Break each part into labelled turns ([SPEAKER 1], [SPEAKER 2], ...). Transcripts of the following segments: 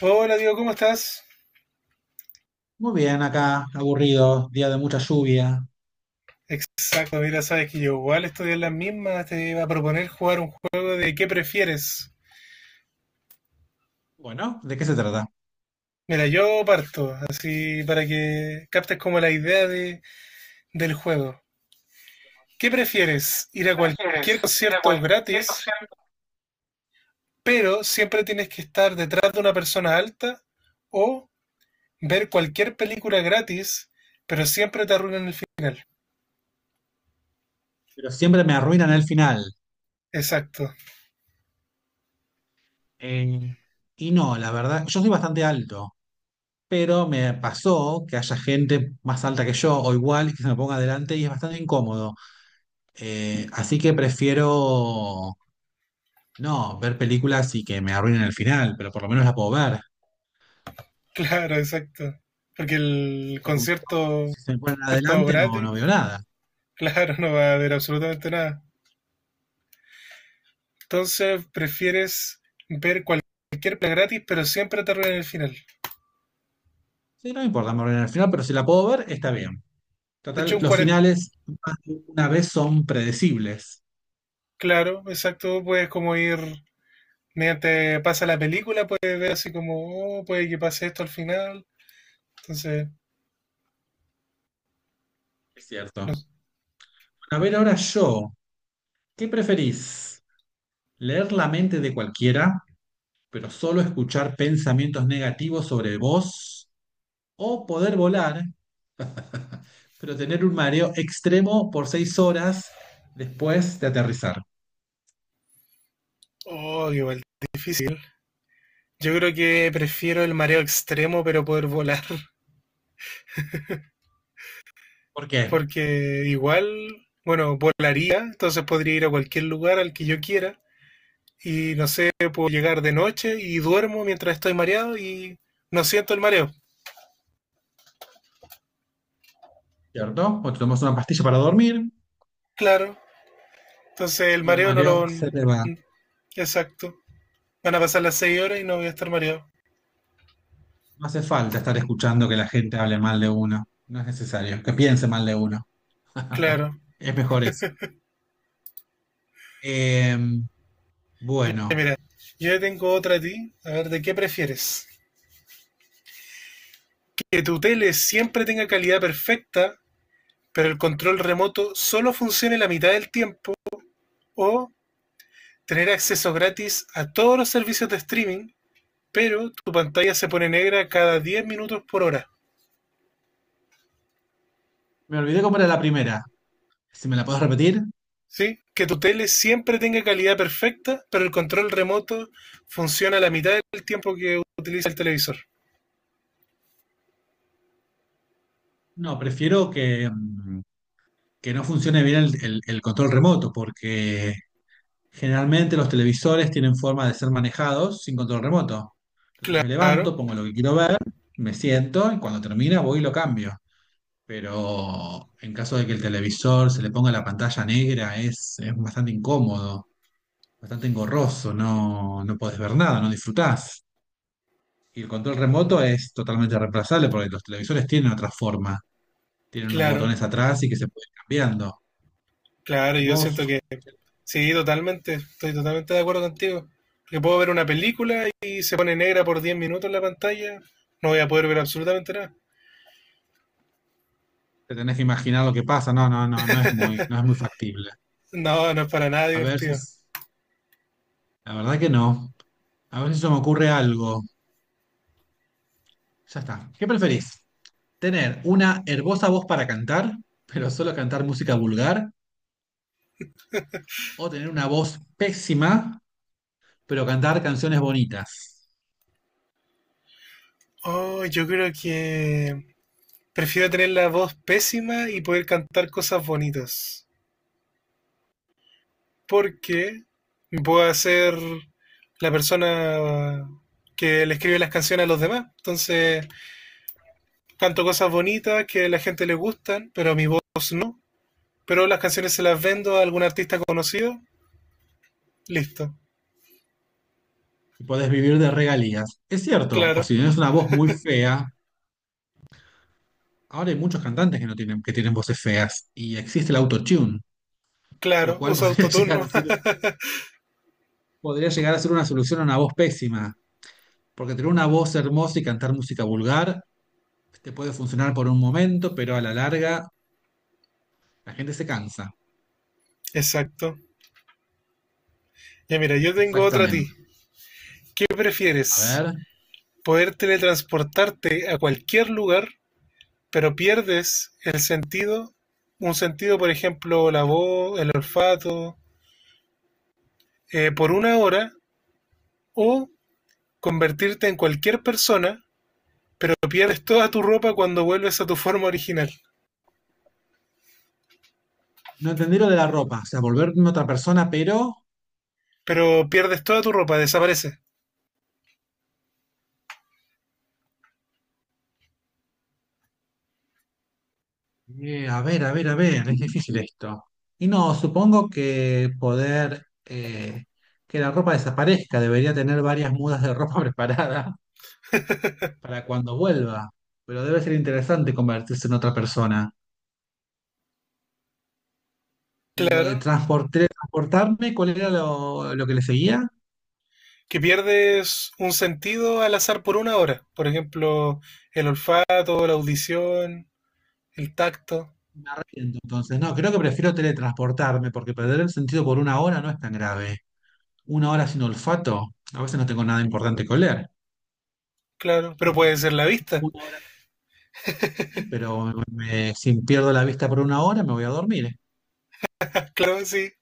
[SPEAKER 1] Hola Diego, ¿cómo estás?
[SPEAKER 2] Muy bien, acá, aburrido, día de mucha lluvia.
[SPEAKER 1] Exacto, mira, sabes que yo igual estoy en las mismas, te iba a proponer jugar un juego de ¿qué prefieres?
[SPEAKER 2] Bueno, ¿de qué se trata?
[SPEAKER 1] Mira, yo parto, así para que captes como la idea de, del juego. ¿Qué prefieres? ¿Ir
[SPEAKER 2] ¿Qué
[SPEAKER 1] a
[SPEAKER 2] prefieres?
[SPEAKER 1] cualquier
[SPEAKER 2] ¿Ir a
[SPEAKER 1] concierto
[SPEAKER 2] cualquier
[SPEAKER 1] gratis,
[SPEAKER 2] centro?
[SPEAKER 1] pero siempre tienes que estar detrás de una persona alta? ¿O ver cualquier película gratis, pero siempre te arruinan el final?
[SPEAKER 2] Pero siempre me arruinan el final.
[SPEAKER 1] Exacto.
[SPEAKER 2] Eh, y no, la verdad, yo soy bastante alto, pero me pasó que haya gente más alta que yo o igual y que se me ponga adelante y es bastante incómodo. Así que prefiero no ver películas y que me arruinen el final, pero por lo menos la puedo ver.
[SPEAKER 1] Claro, exacto. Porque el
[SPEAKER 2] Porque un show,
[SPEAKER 1] concierto,
[SPEAKER 2] si se me ponen
[SPEAKER 1] es todo
[SPEAKER 2] adelante no,
[SPEAKER 1] gratis.
[SPEAKER 2] no veo nada.
[SPEAKER 1] Claro, no va a haber absolutamente nada. Entonces, prefieres ver cualquier plan gratis, pero siempre te arruinan el final.
[SPEAKER 2] Sí, no me importa, me arruinan el final, pero si la puedo ver, está bien.
[SPEAKER 1] De hecho,
[SPEAKER 2] Total,
[SPEAKER 1] un
[SPEAKER 2] los
[SPEAKER 1] 40.
[SPEAKER 2] finales más de una vez son predecibles,
[SPEAKER 1] Claro, exacto, puedes como ir, mediante pasa la película, puedes ver así como, oh, puede que pase esto al final. Entonces,
[SPEAKER 2] es
[SPEAKER 1] no
[SPEAKER 2] cierto.
[SPEAKER 1] sé.
[SPEAKER 2] Bueno, a ver, ahora yo, ¿qué preferís? ¿Leer la mente de cualquiera, pero solo escuchar pensamientos negativos sobre vos? ¿O poder volar, pero tener un mareo extremo por 6 horas después de aterrizar?
[SPEAKER 1] Oh, igual, difícil. Yo creo que prefiero el mareo extremo, pero poder volar.
[SPEAKER 2] ¿Por qué?
[SPEAKER 1] Porque igual, bueno, volaría, entonces podría ir a cualquier lugar al que yo quiera, y no sé, puedo llegar de noche y duermo mientras estoy mareado y no siento el mareo.
[SPEAKER 2] ¿Cierto? O te tomas una pastilla para dormir
[SPEAKER 1] Claro, entonces el
[SPEAKER 2] y el
[SPEAKER 1] mareo no
[SPEAKER 2] mareo
[SPEAKER 1] lo... mm,
[SPEAKER 2] se te va.
[SPEAKER 1] Exacto. Van a pasar las 6 horas y no voy a estar mareado.
[SPEAKER 2] No hace falta estar escuchando que la gente hable mal de uno. No es necesario, que piense mal de uno.
[SPEAKER 1] Claro.
[SPEAKER 2] Es mejor eso. Em, bueno,
[SPEAKER 1] Yo tengo otra a ti. A ver, ¿de qué prefieres? Que tu tele siempre tenga calidad perfecta, pero el control remoto solo funcione la mitad del tiempo, o tener acceso gratis a todos los servicios de streaming, pero tu pantalla se pone negra cada 10 minutos por hora.
[SPEAKER 2] me olvidé cómo era la primera. Si me la puedes repetir.
[SPEAKER 1] ¿Sí? Que tu tele siempre tenga calidad perfecta, pero el control remoto funciona la mitad del tiempo que utiliza el televisor.
[SPEAKER 2] No, prefiero que, que no funcione bien el control remoto, porque generalmente los televisores tienen forma de ser manejados sin control remoto. Entonces me
[SPEAKER 1] Claro,
[SPEAKER 2] levanto, pongo lo que quiero ver, me siento y cuando termina voy y lo cambio. Pero en caso de que el televisor se le ponga la pantalla negra, es bastante incómodo, bastante engorroso, no, no podés ver nada, no disfrutás. Y el control remoto es totalmente reemplazable porque los televisores tienen otra forma, tienen unos
[SPEAKER 1] claro,
[SPEAKER 2] botones atrás y que se pueden ir cambiando.
[SPEAKER 1] claro, yo siento
[SPEAKER 2] Vos
[SPEAKER 1] que sí, totalmente, estoy totalmente de acuerdo contigo. Porque puedo ver una película y se pone negra por 10 minutos la pantalla, no voy a poder ver absolutamente nada.
[SPEAKER 2] te tenés que imaginar lo que pasa, no, no, no, no es muy, no es muy factible.
[SPEAKER 1] No, no es para nada
[SPEAKER 2] A ver si,
[SPEAKER 1] divertido.
[SPEAKER 2] la verdad que no. A ver si se me ocurre algo. Ya está. ¿Qué preferís? ¿Tener una hermosa voz para cantar, pero solo cantar música vulgar? ¿O tener una voz pésima, pero cantar canciones bonitas?
[SPEAKER 1] Oh, yo creo que prefiero tener la voz pésima y poder cantar cosas bonitas. Porque voy a ser la persona que le escribe las canciones a los demás. Entonces, canto cosas bonitas que a la gente le gustan, pero a mi voz no. Pero las canciones se las vendo a algún artista conocido. Listo.
[SPEAKER 2] Y podés vivir de regalías. Es cierto, o
[SPEAKER 1] Claro,
[SPEAKER 2] si tenés una voz muy fea, ahora hay muchos cantantes que no tienen, que tienen voces feas y existe el autotune, lo
[SPEAKER 1] claro.
[SPEAKER 2] cual
[SPEAKER 1] Usa
[SPEAKER 2] podría llegar
[SPEAKER 1] autoturno.
[SPEAKER 2] a ser, podría llegar a ser una solución a una voz pésima, porque tener una voz hermosa y cantar música vulgar te puede funcionar por un momento, pero a la larga la gente se cansa.
[SPEAKER 1] Exacto. Ya mira, yo tengo otra a ti.
[SPEAKER 2] Exactamente.
[SPEAKER 1] ¿Qué
[SPEAKER 2] A
[SPEAKER 1] prefieres?
[SPEAKER 2] ver,
[SPEAKER 1] ¿Poder teletransportarte a cualquier lugar, pero pierdes el sentido? Un sentido, por ejemplo, la voz, el olfato, por una hora o convertirte en cualquier persona, pero pierdes toda tu ropa cuando vuelves a tu forma original.
[SPEAKER 2] no entendí lo de la ropa, o sea, volverme otra persona, pero
[SPEAKER 1] Pero pierdes toda tu ropa, desaparece.
[SPEAKER 2] a ver, a ver, a ver, es difícil esto. Y no, supongo que poder que la ropa desaparezca, debería tener varias mudas de ropa preparada para cuando vuelva, pero debe ser interesante convertirse en otra persona. Y lo de
[SPEAKER 1] Claro.
[SPEAKER 2] teletransportarme, ¿cuál era lo que le seguía?
[SPEAKER 1] Que pierdes un sentido al azar por una hora. Por ejemplo, el olfato, la audición, el tacto.
[SPEAKER 2] Entonces, no, creo que prefiero teletransportarme porque perder el sentido por una hora no es tan grave. Una hora sin olfato, a veces no tengo nada importante que oler.
[SPEAKER 1] Claro. Pero puede ser la vista.
[SPEAKER 2] Una hora sí, pero si pierdo la vista por una hora me voy a dormir.
[SPEAKER 1] Claro, sí.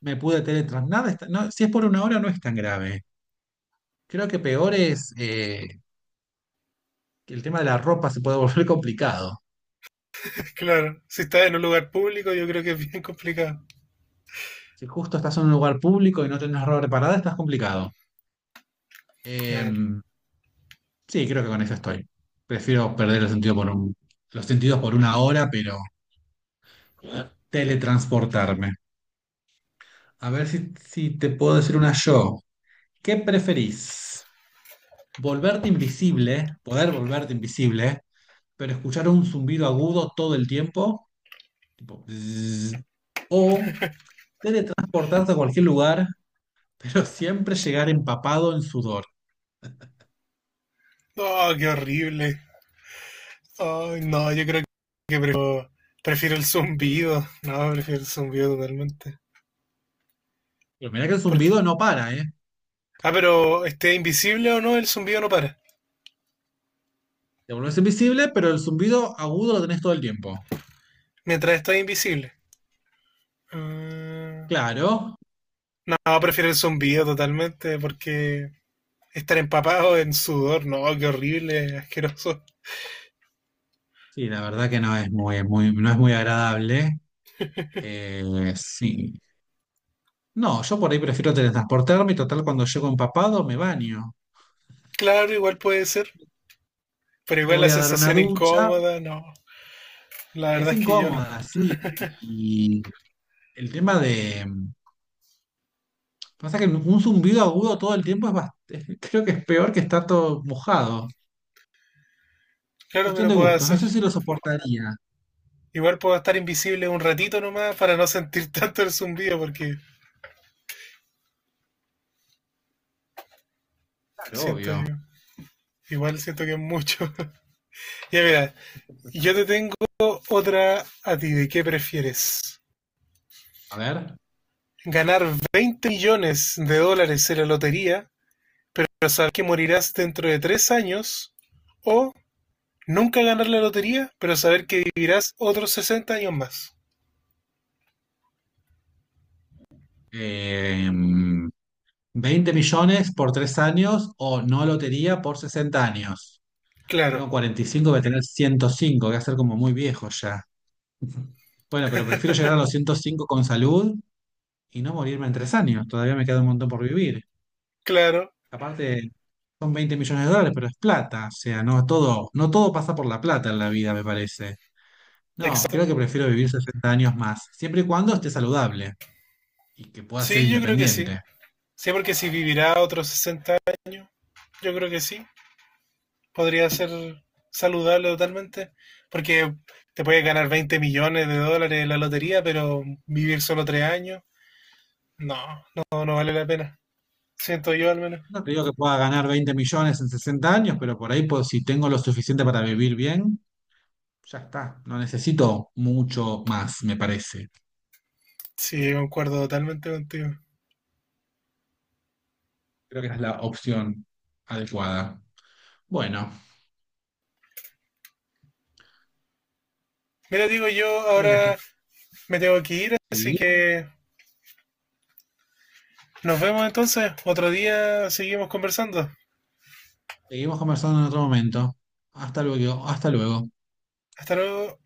[SPEAKER 2] Me pude teletransportar. Nada no, si es por una hora no es tan grave. Creo que peor es que el tema de la ropa se puede volver complicado.
[SPEAKER 1] Claro. Si estás en un lugar público, yo creo que es bien complicado.
[SPEAKER 2] Si justo estás en un lugar público y no tenés ropa preparada, estás complicado.
[SPEAKER 1] Claro.
[SPEAKER 2] Em, sí, creo que con eso estoy. Prefiero perder el sentido por los sentidos por una hora, pero teletransportarme. A ver si, si te puedo decir una yo. ¿Qué preferís? ¿Volverte invisible, poder volverte invisible, pero escuchar un zumbido agudo todo el tiempo? Tipo, "Bzzz", o teletransportarte a cualquier lugar, pero siempre llegar empapado en sudor.
[SPEAKER 1] No, qué horrible. Ay, no, yo creo que prefiero el zumbido. No, prefiero el zumbido totalmente.
[SPEAKER 2] Pero mirá que el
[SPEAKER 1] ¿Por qué?
[SPEAKER 2] zumbido no para, ¿eh?
[SPEAKER 1] Ah, pero esté invisible o no, el zumbido no para.
[SPEAKER 2] Te volvés invisible, pero el zumbido agudo lo tenés todo el tiempo.
[SPEAKER 1] Mientras esté invisible. Ah,
[SPEAKER 2] Claro.
[SPEAKER 1] no, prefiero el zumbido totalmente porque estar empapado en sudor, no, qué horrible, asqueroso.
[SPEAKER 2] Sí, la verdad que no es muy, muy, no es muy agradable. Sí. No, yo por ahí prefiero teletransportarme y total cuando llego empapado me baño.
[SPEAKER 1] Claro, igual puede ser, pero
[SPEAKER 2] Me
[SPEAKER 1] igual la
[SPEAKER 2] voy a dar una
[SPEAKER 1] sensación
[SPEAKER 2] ducha.
[SPEAKER 1] incómoda, no. La
[SPEAKER 2] Es
[SPEAKER 1] verdad es que yo no.
[SPEAKER 2] incómoda, sí. Y el tema de... Pasa que un zumbido agudo todo el tiempo es bastante... Creo que es peor que estar todo mojado.
[SPEAKER 1] Claro,
[SPEAKER 2] Cuestión
[SPEAKER 1] pero
[SPEAKER 2] de
[SPEAKER 1] puedo
[SPEAKER 2] gustos. No
[SPEAKER 1] hacer.
[SPEAKER 2] sé si lo soportaría.
[SPEAKER 1] Igual puedo estar invisible un ratito nomás para no sentir tanto el zumbido porque
[SPEAKER 2] Claro,
[SPEAKER 1] siento yo.
[SPEAKER 2] obvio.
[SPEAKER 1] Igual siento que es mucho. Ya mira, yo te tengo otra a ti. ¿De qué prefieres?
[SPEAKER 2] A ver.
[SPEAKER 1] ¿Ganar 20 millones de dólares en la lotería, saber que morirás dentro de 3 años? ¿O nunca ganar la lotería, pero saber que vivirás otros 60 años más?
[SPEAKER 2] Eh, 20 millones por 3 años o no lotería por 60 años.
[SPEAKER 1] Claro,
[SPEAKER 2] Tengo 45, voy a tener 105, voy a ser como muy viejo ya. Bueno, pero prefiero llegar a los 105 con salud y no morirme en 3 años. Todavía me queda un montón por vivir.
[SPEAKER 1] claro,
[SPEAKER 2] Aparte, son 20 millones de dólares, pero es plata. O sea, no todo, no todo pasa por la plata en la vida, me parece. No,
[SPEAKER 1] exacto.
[SPEAKER 2] creo que prefiero vivir 60 años más, siempre y cuando esté saludable y que pueda ser
[SPEAKER 1] Sí, yo creo que sí.
[SPEAKER 2] independiente.
[SPEAKER 1] Sí, porque si vivirá otros 60 años, yo creo que sí. Podría ser saludable totalmente, porque te puedes ganar 20 millones de dólares en la lotería, pero vivir solo 3 años, no, no, no vale la pena. Siento yo al menos.
[SPEAKER 2] No te digo que pueda ganar 20 millones en 60 años, pero por ahí, pues, si tengo lo suficiente para vivir bien, ya está. No necesito mucho más, me parece.
[SPEAKER 1] Sí, concuerdo totalmente contigo.
[SPEAKER 2] Creo que esa es la opción adecuada. Bueno,
[SPEAKER 1] Mira, digo yo,
[SPEAKER 2] creo que
[SPEAKER 1] ahora me tengo que ir, así
[SPEAKER 2] sí.
[SPEAKER 1] que nos vemos entonces. Otro día seguimos conversando.
[SPEAKER 2] Seguimos conversando en otro momento. Hasta luego, hasta luego.
[SPEAKER 1] Hasta luego.